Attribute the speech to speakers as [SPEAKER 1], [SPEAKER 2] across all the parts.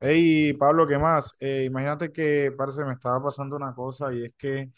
[SPEAKER 1] Hey, Pablo, ¿qué más? Imagínate que, parce, me estaba pasando una cosa y es que,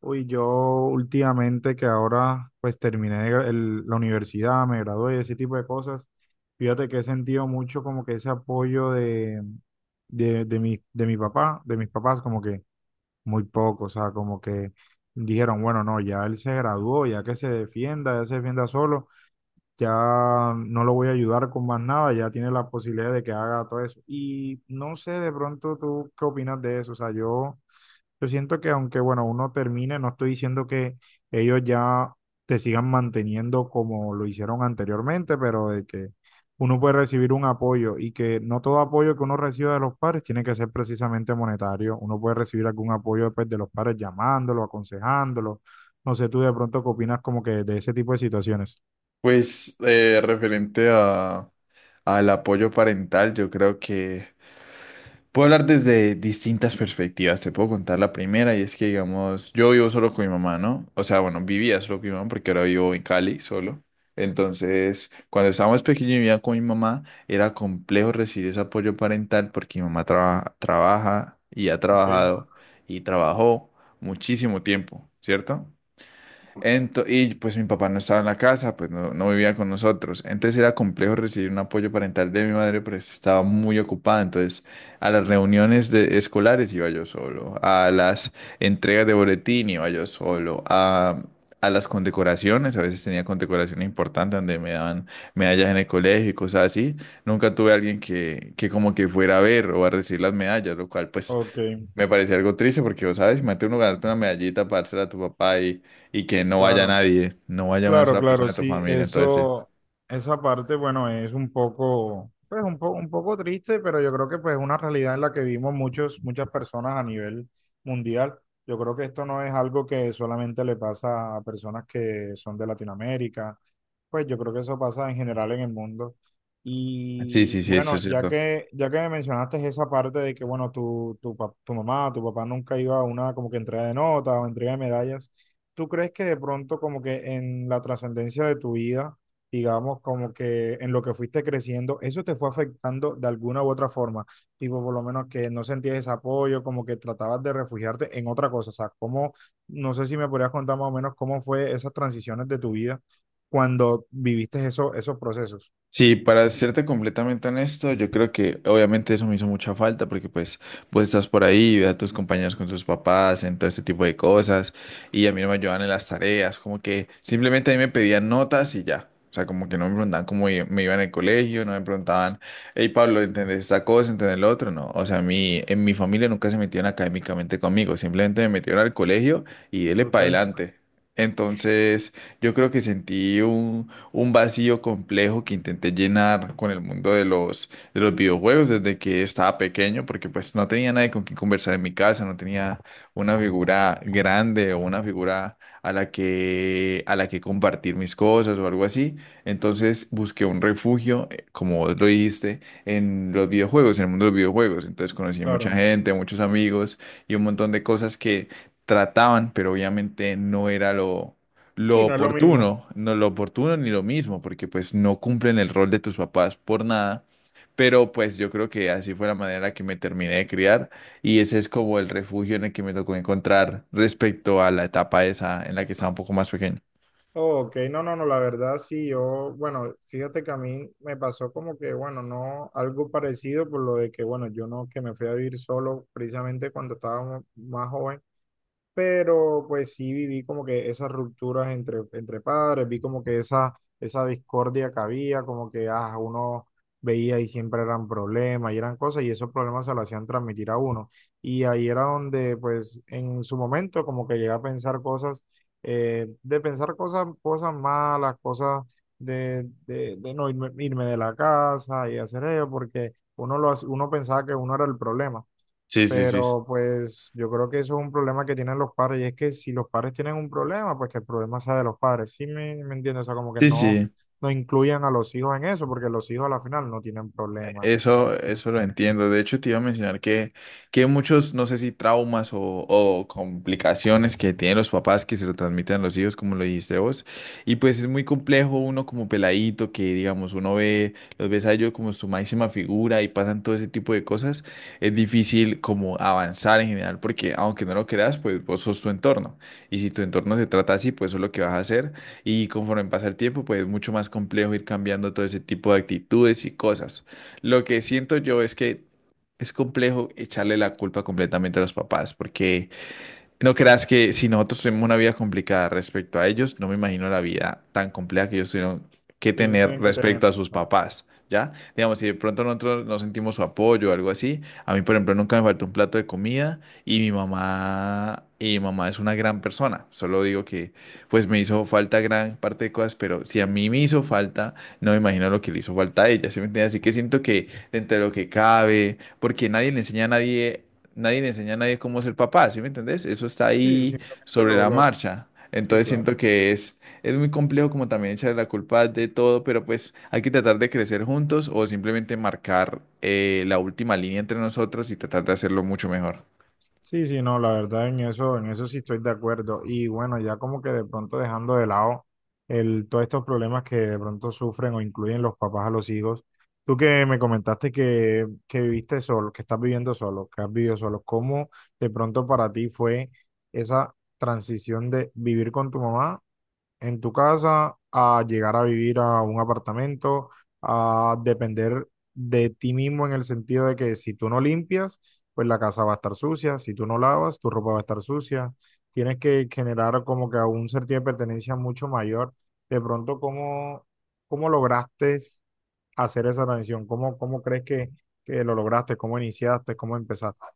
[SPEAKER 1] yo últimamente que ahora pues terminé de gra- el- la universidad, me gradué, ese tipo de cosas, fíjate que he sentido mucho como que ese apoyo de mi papá, de mis papás, como que muy poco, o sea, como que dijeron, bueno, no, ya él se graduó, ya que se defienda, ya se defienda solo, ya no lo voy a ayudar con más nada, ya tiene la posibilidad de que haga todo eso. Y no sé, de pronto tú qué opinas de eso. O sea, yo siento que aunque, bueno, uno termine, no estoy diciendo que ellos ya te sigan manteniendo como lo hicieron anteriormente, pero de que uno puede recibir un apoyo y que no todo apoyo que uno reciba de los padres tiene que ser precisamente monetario. Uno puede recibir algún apoyo pues, de los padres llamándolo, aconsejándolo. No sé, tú de pronto qué opinas como que de ese tipo de situaciones.
[SPEAKER 2] Pues referente a, al apoyo parental, yo creo que puedo hablar desde distintas perspectivas. Te puedo contar la primera y es que, digamos, yo vivo solo con mi mamá, ¿no? O sea, bueno, vivía solo con mi mamá porque ahora vivo en Cali solo. Entonces, cuando estaba más pequeño y vivía con mi mamá, era complejo recibir ese apoyo parental porque mi mamá trabaja y ha
[SPEAKER 1] Ok.
[SPEAKER 2] trabajado y trabajó muchísimo tiempo, ¿cierto? Y pues mi papá no estaba en la casa, pues no vivía con nosotros. Entonces era complejo recibir un apoyo parental de mi madre, pero estaba muy ocupada. Entonces a las escolares iba yo solo, a las entregas de boletín iba yo solo, a las condecoraciones, a veces tenía condecoraciones importantes donde me daban medallas en el colegio y cosas así. Nunca tuve a alguien que como que fuera a ver o a recibir las medallas, lo cual pues...
[SPEAKER 1] Ok,
[SPEAKER 2] Me parecía algo triste porque, vos sabes, imagínate uno ganarte una medallita para dársela a tu papá y que no vaya
[SPEAKER 1] claro,
[SPEAKER 2] nadie, no vaya una
[SPEAKER 1] claro,
[SPEAKER 2] sola persona
[SPEAKER 1] claro,
[SPEAKER 2] de tu
[SPEAKER 1] sí,
[SPEAKER 2] familia. Entonces,
[SPEAKER 1] eso, esa parte, bueno, es un poco, pues un poco triste, pero yo creo que pues es una realidad en la que vivimos muchos, muchas personas a nivel mundial. Yo creo que esto no es algo que solamente le pasa a personas que son de Latinoamérica, pues yo creo que eso pasa en general en el mundo.
[SPEAKER 2] sí,
[SPEAKER 1] Y
[SPEAKER 2] sí, sí, sí, eso
[SPEAKER 1] bueno,
[SPEAKER 2] es cierto.
[SPEAKER 1] ya que me mencionaste esa parte de que, bueno, tu mamá, tu papá nunca iba a una como que entrega de notas o entrega de medallas. ¿Tú crees que de pronto como que en la trascendencia de tu vida, digamos como que en lo que fuiste creciendo, eso te fue afectando de alguna u otra forma? Tipo, por lo menos que no sentías ese apoyo, como que tratabas de refugiarte en otra cosa. O sea, ¿cómo, no sé si me podrías contar más o menos cómo fue esas transiciones de tu vida cuando viviste eso, esos procesos?
[SPEAKER 2] Sí, para serte completamente honesto, yo creo que obviamente eso me hizo mucha falta porque pues, pues estás por ahí, ves a tus compañeros con tus papás, en todo este tipo de cosas, y a mí no me ayudaban en las tareas, como que simplemente a mí me pedían notas y ya. O sea, como que no me preguntaban me iba en el colegio, no me preguntaban, hey Pablo, ¿entendés esta cosa, entendés lo otro? No, o sea, a mí, en mi familia nunca se metieron académicamente conmigo, simplemente me metieron al colegio y dele
[SPEAKER 1] ¿Ok?
[SPEAKER 2] para adelante. Entonces, yo creo que sentí un vacío complejo que intenté llenar con el mundo de los videojuegos desde que estaba pequeño, porque pues no tenía nadie con quien conversar en mi casa, no tenía una figura grande o una figura a la que compartir mis cosas o algo así. Entonces busqué un refugio, como vos lo dijiste, en los videojuegos, en el mundo de los videojuegos. Entonces conocí mucha
[SPEAKER 1] Claro.
[SPEAKER 2] gente, muchos amigos y un montón de cosas que trataban, pero obviamente no era lo
[SPEAKER 1] Sí, no es lo mismo.
[SPEAKER 2] oportuno, no lo oportuno ni lo mismo, porque pues no cumplen el rol de tus papás por nada, pero pues yo creo que así fue la manera en la que me terminé de criar y ese es como el refugio en el que me tocó encontrar respecto a la etapa esa en la que estaba un poco más pequeño.
[SPEAKER 1] Ok, no, no, no, la verdad sí, yo, bueno, fíjate que a mí me pasó como que, bueno, no, algo parecido por lo de que, bueno, yo no, que me fui a vivir solo precisamente cuando estaba más joven, pero pues sí viví como que esas rupturas entre padres, vi como que esa discordia que había, como que ah, uno veía y siempre eran problemas y eran cosas y esos problemas se lo hacían transmitir a uno. Y ahí era donde pues en su momento como que llegué a pensar cosas, de pensar cosas, cosas malas, cosas de no irme de la casa y hacer ello, porque uno, uno pensaba que uno era el problema.
[SPEAKER 2] Sí, sí, sí.
[SPEAKER 1] Pero pues yo creo que eso es un problema que tienen los padres y es que si los padres tienen un problema, pues que el problema sea de los padres. Me entiendo, o sea, como que
[SPEAKER 2] Sí,
[SPEAKER 1] no,
[SPEAKER 2] sí.
[SPEAKER 1] no incluyan a los hijos en eso, porque los hijos a la final no tienen problemas.
[SPEAKER 2] Eso lo entiendo. De hecho, te iba a mencionar que muchos, no sé si traumas o complicaciones que tienen los papás que se lo transmiten a los hijos, como lo dijiste vos. Y pues es muy complejo uno como peladito, que digamos, uno ve, los ves a ellos como su máxima figura y pasan todo ese tipo de cosas. Es difícil como avanzar en general, porque aunque no lo creas, pues vos sos tu entorno. Y si tu entorno se trata así, pues eso es lo que vas a hacer. Y conforme pasa el tiempo, pues es mucho más complejo ir cambiando todo ese tipo de actitudes y cosas. Lo que siento yo es que es complejo echarle la culpa completamente a los papás, porque no creas que si nosotros tuvimos una vida complicada respecto a ellos, no me imagino la vida tan compleja que ellos tuvieron que
[SPEAKER 1] Ellos
[SPEAKER 2] tener
[SPEAKER 1] tienen que tener.
[SPEAKER 2] respecto a sus
[SPEAKER 1] Claro.
[SPEAKER 2] papás, ¿ya? Digamos, si de pronto nosotros no sentimos su apoyo o algo así, a mí, por ejemplo, nunca me faltó un plato de comida y mi mamá es una gran persona. Solo digo que, pues, me hizo falta gran parte de cosas, pero si a mí me hizo falta, no me imagino lo que le hizo falta a ella, ¿sí me entiendes? Así que siento que dentro de lo que cabe, porque nadie le enseña a nadie cómo ser papá, ¿sí me entendés? Eso está
[SPEAKER 1] Sí,
[SPEAKER 2] ahí
[SPEAKER 1] simplemente
[SPEAKER 2] sobre la
[SPEAKER 1] lo...
[SPEAKER 2] marcha.
[SPEAKER 1] Sí,
[SPEAKER 2] Entonces siento
[SPEAKER 1] claro.
[SPEAKER 2] que es muy complejo como también echarle la culpa de todo, pero pues hay que tratar de crecer juntos o simplemente marcar la última línea entre nosotros y tratar de hacerlo mucho mejor.
[SPEAKER 1] Sí, sí, no, la verdad en eso sí estoy de acuerdo. Y bueno, ya como que de pronto dejando de lado todos estos problemas que de pronto sufren o incluyen los papás a los hijos. Tú que me comentaste que viviste solo, que estás viviendo solo, que has vivido solo, ¿cómo de pronto para ti fue esa transición de vivir con tu mamá en tu casa a llegar a vivir a un apartamento, a depender de ti mismo en el sentido de que si tú no limpias, pues la casa va a estar sucia, si tú no lavas, tu ropa va a estar sucia. Tienes que generar como que un sentido de pertenencia mucho mayor. De pronto, ¿cómo, cómo lograste hacer esa transición? ¿Cómo, cómo crees que lo lograste? ¿Cómo iniciaste? ¿Cómo empezaste?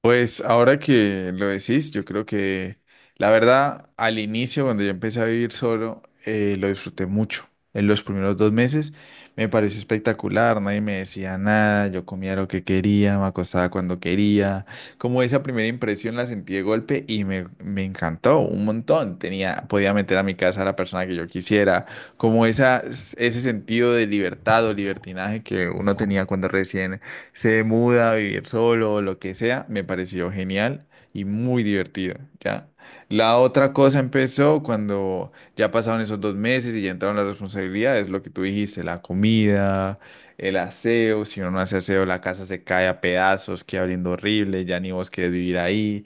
[SPEAKER 2] Pues ahora que lo decís, yo creo que la verdad, al inicio, cuando yo empecé a vivir solo, lo disfruté mucho. En los primeros dos meses me pareció espectacular, nadie me decía nada, yo comía lo que quería, me acostaba cuando quería. Como esa primera impresión la sentí de golpe y me encantó un montón. Tenía, podía meter a mi casa a la persona que yo quisiera, como ese sentido de libertad o libertinaje que uno tenía cuando recién se muda a vivir solo o lo que sea, me pareció genial y muy divertido, ¿ya? La otra cosa empezó cuando ya pasaron esos dos meses y ya entraron las responsabilidades, lo que tú dijiste, la comida, el aseo, si uno no hace aseo, la casa se cae a pedazos, queda oliendo horrible, ya ni vos querés vivir ahí.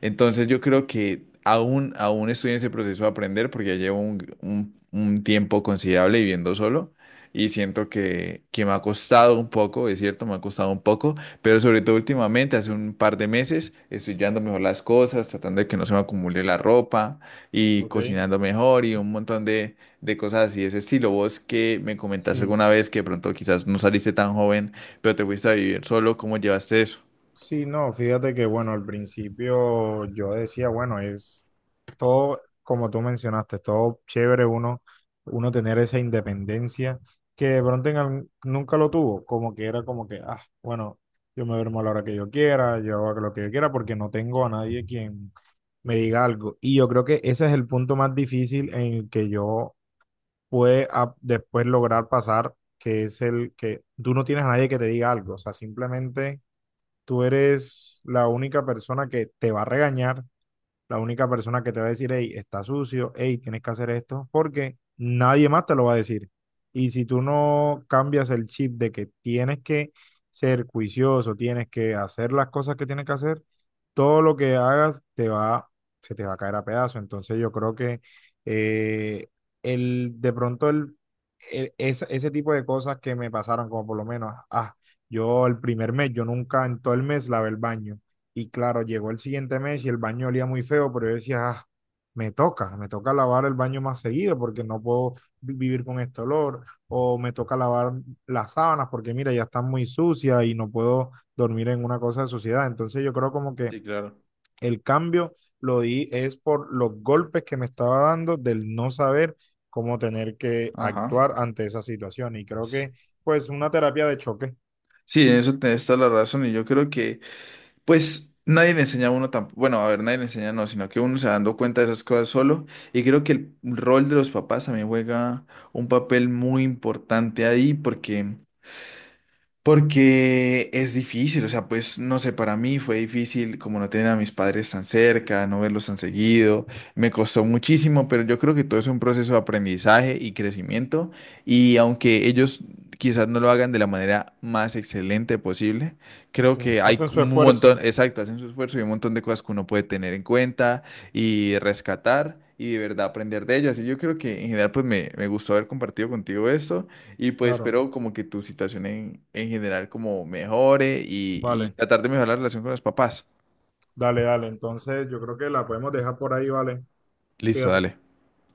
[SPEAKER 2] Entonces yo creo que aún estoy en ese proceso de aprender porque ya llevo un tiempo considerable viviendo solo y siento que me ha costado un poco, es cierto, me ha costado un poco, pero sobre todo últimamente, hace un par de meses, estoy llevando mejor las cosas, tratando de que no se me acumule la ropa y
[SPEAKER 1] Ok,
[SPEAKER 2] cocinando mejor y un montón de cosas así de ese estilo. Vos que me comentaste
[SPEAKER 1] sí.
[SPEAKER 2] alguna vez que de pronto quizás no saliste tan joven, pero te fuiste a vivir solo, ¿cómo llevaste eso?
[SPEAKER 1] Sí, no, fíjate que bueno, al principio yo decía, bueno, es todo, como tú mencionaste, todo chévere uno, uno tener esa independencia que de pronto en nunca lo tuvo, como que era como que, ah, bueno, yo me duermo a la hora que yo quiera, yo hago lo que yo quiera porque no tengo a nadie quien me diga algo. Y yo creo que ese es el punto más difícil en el que yo pude ah, después lograr pasar, que es el que tú no tienes a nadie que te diga algo, o sea, simplemente tú eres la única persona que te va a regañar, la única persona que te va a decir, hey, está sucio, hey, tienes que hacer esto, porque nadie más te lo va a decir. Y si tú no cambias el chip de que tienes que ser juicioso, tienes que hacer las cosas que tienes que hacer, todo lo que hagas se te va a caer a pedazos. Entonces yo creo que eh, de pronto ese tipo de cosas que me pasaron, como por lo menos, ah, yo el primer mes, yo nunca en todo el mes lavé el baño. Y claro, llegó el siguiente mes y el baño olía muy feo, pero yo decía, "Ah, me toca lavar el baño más seguido porque no puedo vivir con este olor, o me toca lavar las sábanas porque mira, ya están muy sucias y no puedo dormir en una cosa de suciedad. Entonces yo creo como que
[SPEAKER 2] Sí, claro.
[SPEAKER 1] el cambio lo di es por los golpes que me estaba dando del no saber cómo tener que
[SPEAKER 2] Ajá.
[SPEAKER 1] actuar ante esa situación. Y creo
[SPEAKER 2] S-
[SPEAKER 1] que pues una terapia de choque,
[SPEAKER 2] Sí, en eso tenés toda la razón y yo creo que pues nadie le enseña a uno tampoco, bueno, a ver, nadie le enseña, no, sino que uno se va dando cuenta de esas cosas solo. Y creo que el rol de los papás también juega un papel muy importante ahí, porque es difícil, o sea, pues no sé, para mí fue difícil como no tener a mis padres tan cerca, no verlos tan seguido, me costó muchísimo, pero yo creo que todo es un proceso de aprendizaje y crecimiento y aunque ellos quizás no lo hagan de la manera más excelente posible, creo
[SPEAKER 1] sí,
[SPEAKER 2] que hay
[SPEAKER 1] hacen su
[SPEAKER 2] un montón,
[SPEAKER 1] esfuerzo,
[SPEAKER 2] exacto, hacen su esfuerzo y un montón de cosas que uno puede tener en cuenta y rescatar y de verdad aprender de ellas. Y yo creo que en general pues me gustó haber compartido contigo esto. Y pues
[SPEAKER 1] claro,
[SPEAKER 2] espero como que tu situación en general como mejore y
[SPEAKER 1] vale.
[SPEAKER 2] tratar de mejorar la relación con los papás.
[SPEAKER 1] Dale, dale. Entonces, yo creo que la podemos dejar por ahí, ¿vale?
[SPEAKER 2] Listo,
[SPEAKER 1] Fíjate.
[SPEAKER 2] dale.